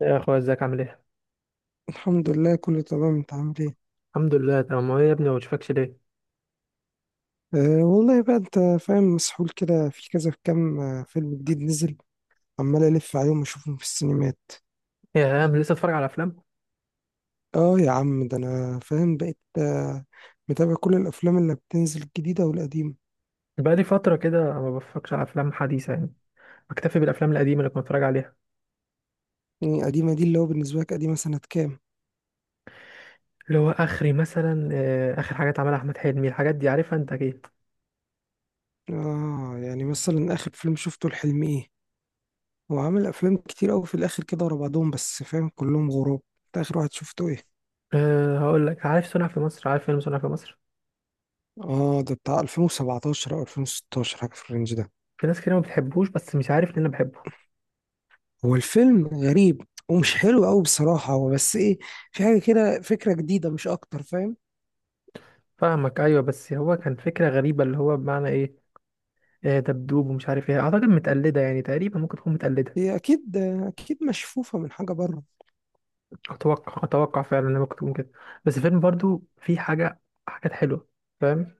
يا اخويا، ازيك؟ عامل ايه؟ الحمد لله كله تمام، انت عامل ايه؟ الحمد لله تمام. هو إيه يا ابني، ما بشوفكش ليه؟ أه والله بقى، انت فاهم مسحول كده، في كذا، في كام فيلم جديد نزل، عمال الف عليهم واشوفهم في السينمات. إيه يا عم، لسه اتفرج على افلام؟ اه يا عم، ده انا فاهم بقيت، متابع كل الافلام اللي بتنزل، الجديده والقديمه. بقالي فتره كده ما بفكرش على افلام حديثه يعني. بكتفي بالافلام القديمه اللي كنت بتفرج عليها. يعني القديمه دي اللي هو بالنسبه لك قديمه سنه كام؟ اللي هو اخري مثلا اخر حاجات عملها احمد حلمي، الحاجات دي عارفها انت اكيد. اه، يعني مثلا اخر فيلم شفته لحلمي ايه؟ هو عامل افلام كتير قوي في الاخر كده ورا بعضهم، بس فاهم كلهم غراب. انت اخر واحد شفته ايه؟ أه، هقول لك، عارف صنع في مصر؟ عارف فيلم صنع في مصر؟ اه ده بتاع 2017 او 2016، حاجه في الرينج ده. في ناس كتير ما بتحبوش، بس مش عارف ان انا بحبه. هو الفيلم غريب ومش حلو قوي بصراحة، هو بس ايه، في حاجة كده فكرة جديدة مش اكتر، فاهم. فاهمك، ايوه، بس هو كان فكره غريبه، اللي هو بمعنى ايه؟ دبدوب ومش عارف ايه، اعتقد متقلده يعني، تقريبا ممكن تكون متقلده. هي اكيد، اكيد مشفوفة من حاجة بره. اتوقع فعلا ان ممكن تكون كده. بس الفيلم برضو فيه حاجه، حاجات حلوه، فاهم؟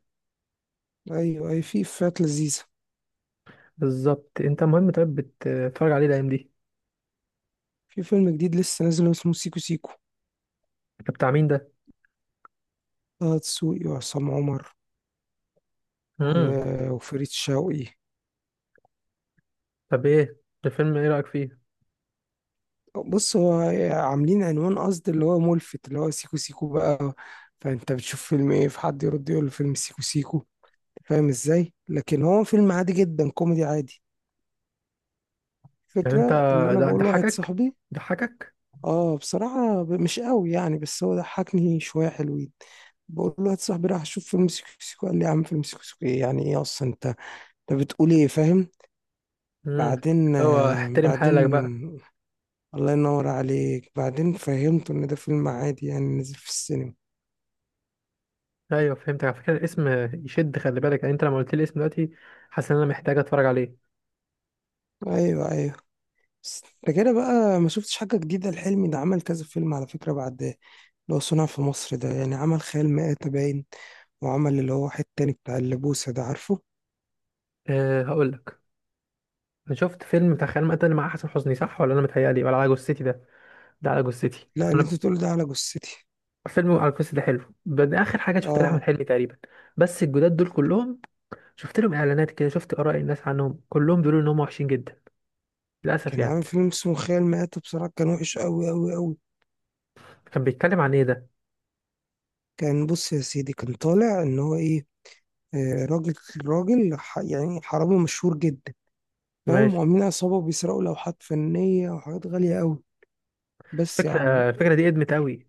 ايوه، اي في فات لذيذة. بالظبط. انت مهم، طيب بتتفرج عليه الايام دي؟ في فيلم جديد لسه نازل اسمه سيكو سيكو. طب بتاع مين ده؟ طه دسوقي وعصام عمر امم. وفريد شوقي. طب ايه الفيلم، ايه رايك فيه؟ بص هو عاملين عنوان قصد اللي هو ملفت، اللي هو سيكو سيكو بقى، فانت بتشوف فيلم ايه فحد يرد يقول فيلم سيكو سيكو، فاهم ازاي؟ لكن هو فيلم عادي جدا، كوميدي عادي. يعني انت الفكرة ان انا ده بقول لواحد ضحكك؟ صاحبي. ضحكك؟ اه بصراحة، مش قوي يعني، بس هو ضحكني شوية حلوين. بقول له واحد صاحبي راح اشوف فيلم سيكو سيكو، قال لي يا عم، فيلم سيكو سيكو ايه؟ يعني ايه اصلا؟ انت انت بتقول ايه، فاهم؟ امم. بعدين، هو احترم حالك بعدين، بقى. الله ينور عليك، بعدين فهمته ان ده فيلم عادي يعني، نزل في السينما. ايوه، فهمتك. على فكره الاسم يشد، خلي بالك، يعني انت لما قلت لي الاسم دلوقتي، حاسس ان انا محتاج اتفرج عليه. ايوه ايوه. بس ده كده بقى، ما شفتش حاجة جديدة لحلمي، ده عمل كذا فيلم على فكرة بعد ده. اللي هو صنع في مصر ده، يعني عمل خيال مآتة باين، وعمل اللي هو واحد تاني بتاع اللبوسة ده عارفه. أه، هقول لك. انا شفت فيلم بتاع خيال مآتة اللي مع حسن حسني، صح ولا انا متهيألي؟ ولا على جثتي ده؟ ده على جثتي. لا، اللي انت تقول ده على جثتي. فيلم على القصة ده حلو، بس اخر حاجه شفتها لاحمد اه حلمي تقريبا. بس الجداد دول كلهم، شفت لهم اعلانات كده، شفت اراء الناس عنهم، كلهم بيقولوا ان هم وحشين جدا للاسف كان يعني. عامل فيلم اسمه خيال مآتة، بصراحة كان وحش أوي أوي أوي. كان بيتكلم عن ايه ده؟ كان بص يا سيدي، كان طالع إن هو إيه، راجل، راجل يعني حرامي مشهور جدا، فاهم؟ ماشي. وعاملين عصابة بيسرقوا لوحات فنية وحاجات غالية أوي. بس يا عم، فكره الفكره دي ادمت قوي.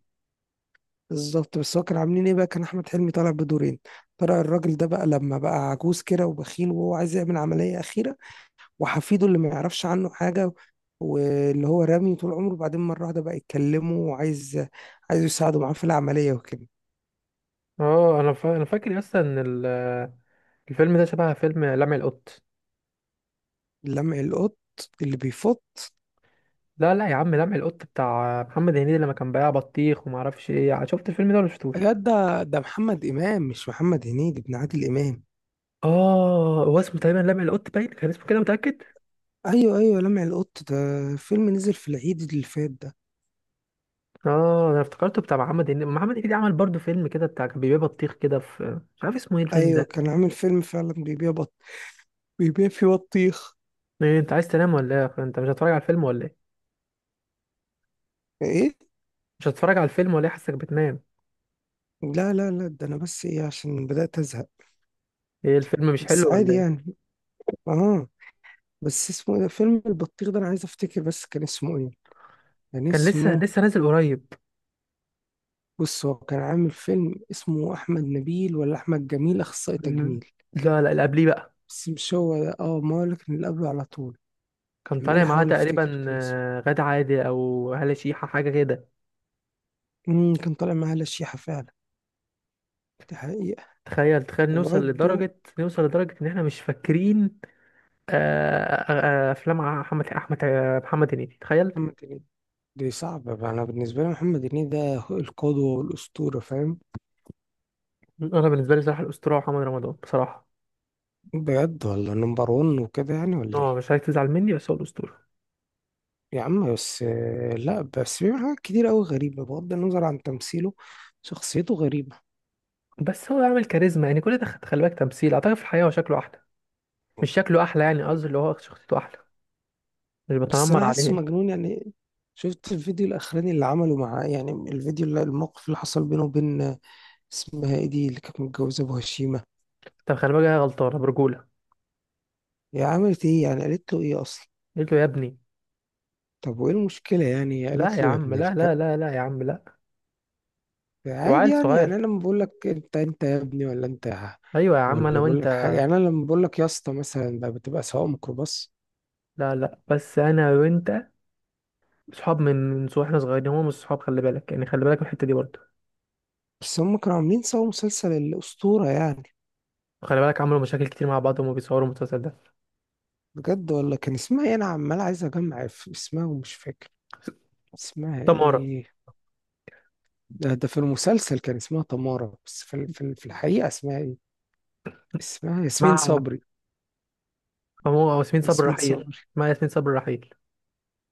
بالظبط، بس هو كان عاملين إيه بقى، كان أحمد حلمي طالع بدورين. طلع الراجل ده بقى لما بقى عجوز كده وبخيل، وهو عايز يعمل عملية أخيرة، وحفيده اللي ما يعرفش عنه حاجة، واللي هو رامي طول عمره، بعدين مرة واحدة بقى يتكلمه وعايز، عايز يساعده معاه في العملية وكده. اه، انا انا فاكر اصلا ان الفيلم ده شبه فيلم لمع القط. لمع القط، اللي بيفط. لا لا يا عم، لمع القط بتاع محمد هنيدي لما كان بياع بطيخ، وما اعرفش ايه. شفت الفيلم ده ولا شفتوش؟ لا ده محمد إمام مش محمد هنيدي، ابن عادل إمام. اه، هو اسمه تقريبا لمع القط باين، كان اسمه كده، متاكد. أيوه أيوه، لمع القط ده فيلم نزل في العيد اللي فات ده. اه، انا افتكرته بتاع محمد هنيدي. محمد هنيدي عمل برضو فيلم كده بتاع كان بيبيع بطيخ كده في، مش عارف اسمه ايه الفيلم أيوه، ده. كان عامل فيلم فعلا بيبيع بيبيع فيه بطيخ. إيه، انت عايز تنام ولا ايه؟ انت مش هتتفرج على الفيلم ولا ايه؟ إيه؟ مش هتتفرج على الفيلم ولا ايه؟ حاسك بتنام. لا، ده أنا بس إيه، عشان بدأت أزهق. ايه، الفيلم مش بس حلو عادي ولا ايه؟ يعني. آه. بس اسمه إيه ده، فيلم البطيخ ده، أنا عايز أفتكر بس كان اسمه إيه، كان كان لسه اسمه. لسه نازل قريب. بص هو كان عامل فيلم اسمه أحمد نبيل ولا أحمد جميل، أخصائي مم. تجميل. لا لا، اللي قبليه بقى. بس مش هو ده، اه ما هو اللي كان اللي قبله على طول. كان عمال طالع معاه أحاول أفتكر تقريبا كان اسمه. غادة عادل او هالة شيحة حاجة كده. مم، كان طالع معاه لشيحة فعلا، دي حقيقة. تخيل، تخيل نوصل وبرده لدرجة، نوصل لدرجة ان احنا مش فاكرين. آه، افلام احمد احمد آه، محمد هنيدي، تخيل. محمد هنيدي. دي صعبة بقى. أنا بالنسبة لي محمد هنيدي ده هو القدوة والأسطورة، فاهم؟ انا بالنسبة لي صراحة الاسطورة محمد رمضان بصراحة. بجد؟ ولا نمبر ون وكده يعني، ولا إيه؟ اه، مش عايز تزعل مني، بس هو الاسطوره. يا عم بس، لا بس في حاجات كتير أوي غريبة بغض النظر عن تمثيله، شخصيته غريبة. بس هو عامل كاريزما يعني، كل ده خلي بالك، تمثيل اعتقد في الحقيقه هو شكله احلى. مش شكله احلى، يعني قصدي اللي هو شخصيته احلى. مش بس بتنمر انا حاسه عليه. مجنون يعني. شفت الفيديو الاخراني اللي عمله مع يعني الفيديو اللي الموقف اللي حصل بينه وبين، اسمها ايه دي اللي كانت متجوزه ابو هشيمه؟ طب خلي بالك، هي غلطانه برجوله. هي عملت ايه يعني، قالت له ايه اصلا؟ قلت له يا ابني. طب وايه المشكله يعني، لا قالت يا له يا عم، ابن لا، الكلب؟ لا، لا، لا يا عم، لا. عادي وعيل يعني، يعني صغير. انا لما بقول لك انت انت يا ابني، ولا انت ايوه يا عم، انا ولا بقول وانت. لك حاجه يعني، انا لما بقول لك يا اسطى مثلا، ده بتبقى سواق ميكروباص. لا لا، بس انا وانت صحاب من واحنا صغيرين. هم مش صحاب، خلي بالك يعني، خلي بالك من الحته دي برضه. بس هم كانوا عاملين سوا مسلسل الاسطوره يعني. خلي بالك، عملوا مشاكل كتير مع بعض وهم بيصوروا المسلسل ده. بجد؟ ولا كان اسمها ايه، انا عمال عايز اجمع اسمها ومش فاكر اسمها تمارا. ايه. ده ده في المسلسل كان اسمها تمارة، بس في الحقيقة اسمها ايه؟ اسمها ياسمين مع. صبري. هو ياسمين صبري ياسمين رحيل. صبري. مع ياسمين صبري رحيل.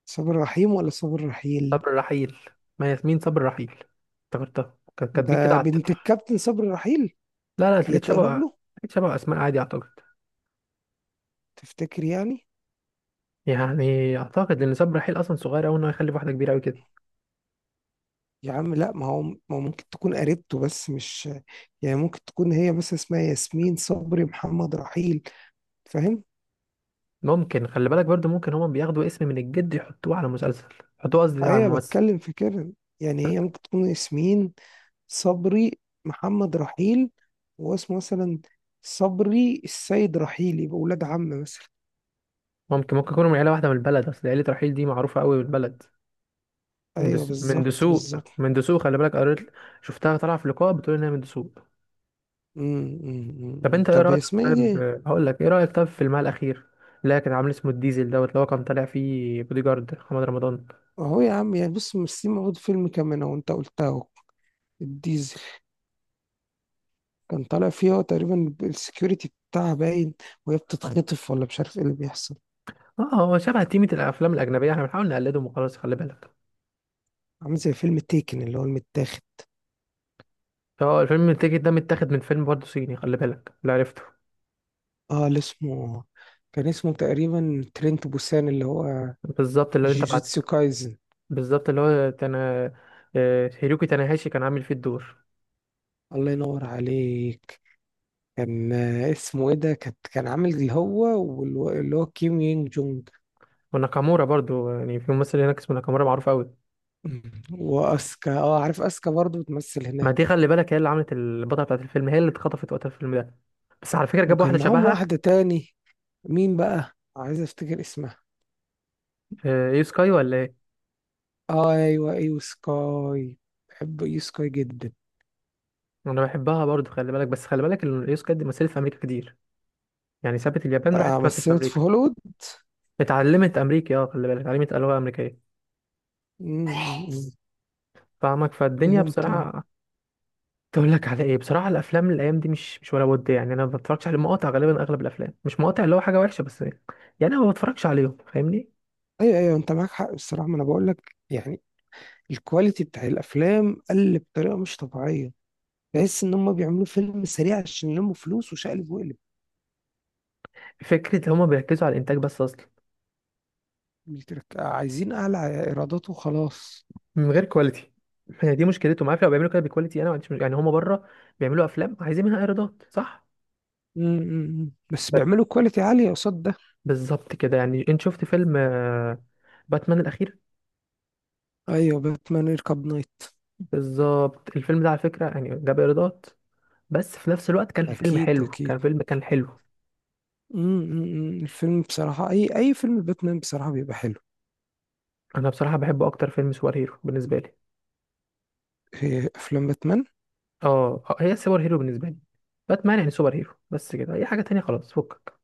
صبري رحيم ولا صبري رحيل؟ صبر رحيل. ما ياسمين صبر رحيل. افتكرتها كانت كاتبين كده ده على بنت التتر. الكابتن صبري رحيل؟ لا، لا، هي لقيت شبه. تقرب له؟ لقيت شبه اسماء، عادي اعتقد. تفتكر يعني؟ يعني اعتقد ان صبر رحيل اصلا صغير قوي انه يخلف واحده كبيره قوي كده. يا عم لا، ما هو ممكن تكون قريبته بس مش، يعني ممكن تكون هي، بس اسمها ياسمين صبري محمد رحيل، فاهم؟ ممكن، خلي بالك برضو ممكن هما بياخدوا اسم من الجد يحطوه على مسلسل، يحطوه قصدي على ايوه الممثل. بتكلم في كده. يعني هي ممكن تكون ياسمين صبري محمد رحيل، واسمه مثلا صبري السيد رحيل، يبقى ولاد عم مثلا. ممكن يكونوا من عيله واحده من البلد، اصل عيله رحيل دي معروفه قوي من البلد. من ايوه من بالظبط دسوق، بالظبط. من دسوق، خلي بالك قريت، شفتها طالعه في لقاء بتقول انها من دسوق. أمم، أمم، أمم. طب إمم. انت ايه طب هي رايك اسمها ايه طيب؟ دي؟ هقول لك، ايه رايك طيب في المال الاخير اللي كان عامل اسمه الديزل دوت، اللي هو كان طالع فيه بودي جارد محمد رمضان؟ اهو يا عم يعني، بص ممثلين موجود في فيلم كمان، اهو انت قلتها اهو، الديزل. كان طالع فيه هو تقريبا السكيورتي بتاعها باين، وهي بتتخطف ولا مش عارف ايه اللي بيحصل. اه، هو شبه تيمة الافلام الاجنبيه، احنا بنحاول نقلدهم وخلاص، خلي بالك. عامل زي فيلم تيكن اللي هو المتاخد. هو الفيلم التيكت ده متاخد من فيلم برضه صيني، خلي بالك اللي عرفته. اه اللي اسمه، كان اسمه تقريبا ترينت بوسان اللي هو بالظبط اللي انت بعت. جيجيتسو كايزن. بالظبط، اللي هو تانا. اه، هيروكي تاناهاشي كان عامل فيه الدور. الله ينور عليك. كان اسمه ايه ده، كانت كان عامل اللي هو اللي هو كيم يونج جونج. وناكامورا برضه، يعني في ممثل هناك اسمه ناكامورا معروف قوي. واسكا، اه عارف اسكا برضو بتمثل ما دي هناك. خلي بالك، هي اللي عملت البطله بتاعت الفيلم، هي اللي اتخطفت وقت الفيلم ده. بس على فكره جاب واحده وكان معاهم شبهها. واحدة تاني، مين بقى، عايز افتكر اسمها. اه، يو سكاي ولا ايه؟ اه ايوه ايوه، سكاي. بحب ايو سكاي جدا. انا بحبها برضه، خلي بالك، بس خلي بالك ان اليوسكا دي مثلت في امريكا كتير، يعني سابت اليابان آه راحت تمثل في مثلت في امريكا. هوليوود. اتعلمت امريكي، اه، خلي بالك اتعلمت لغه امريكيه. مم. فاهمك، فالدنيا فهمت اه. بصراحه. تقول لك على ايه بصراحه؟ الافلام الايام دي مش ولا ود يعني، انا ما بتفرجش على مقاطع غالبا، اغلب الافلام مش مقاطع اللي هو حاجه وحشه بس يعني. انا ما بتفرجش عليهم، فاهمني. ايوه ايوه، انت معاك حق بصراحة، ما انا بقول لك يعني، الكواليتي بتاع الافلام قل بطريقة مش طبيعية، تحس ان هم بيعملوا فيلم سريع عشان يلموا فلوس وشقلب وقلب. فكره هما بيركزوا على الانتاج بس اصلا، الترك، عايزين اعلى ايرادات وخلاص. من غير كواليتي. هي دي مشكلتهم، عارف؟ لو بيعملوا كده بكواليتي انا ما عنديش يعني، هما بره بيعملوا افلام عايزين منها ايرادات، صح؟ مم، مم، مم. بس بيعملوا كواليتي عالية قصاد ده. بالظبط كده، يعني انت شفت فيلم باتمان الاخير؟ ايوه باتمان يركب نايت. بالظبط، الفيلم ده على فكره يعني جاب ايرادات، بس في نفس الوقت كان فيلم اكيد حلو، اكيد. كان فيلم كان حلو. مم، مم، مم. الفيلم بصراحة، اي اي فيلم باتمان بصراحة بيبقى حلو. انا بصراحه بحبه اكتر فيلم سوبر هيرو بالنسبه لي. إيه، افلام باتمان. اه، هي السوبر هيرو بالنسبه لي. باتمان يعني سوبر هيرو، بس كده اي حاجه تانية خلاص. فكك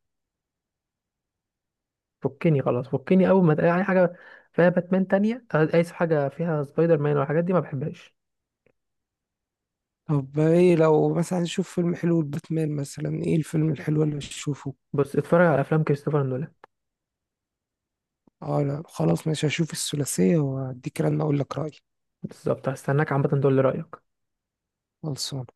فكني خلاص فكني اول ما تلاقي اي حاجه فيها باتمان تانية، اي حاجه فيها سبايدر مان والحاجات دي ما بحبهاش. طب ايه لو مثلا نشوف فيلم حلو لباتمان مثلا، ايه الفيلم الحلو اللي هشوفه؟ بص، اتفرج على افلام كريستوفر نولان. اه لا خلاص، مش هشوف الثلاثية واديك رن اقول لك رأيي. بالظبط، هستناك عامه تقول لي رايك. خلصان.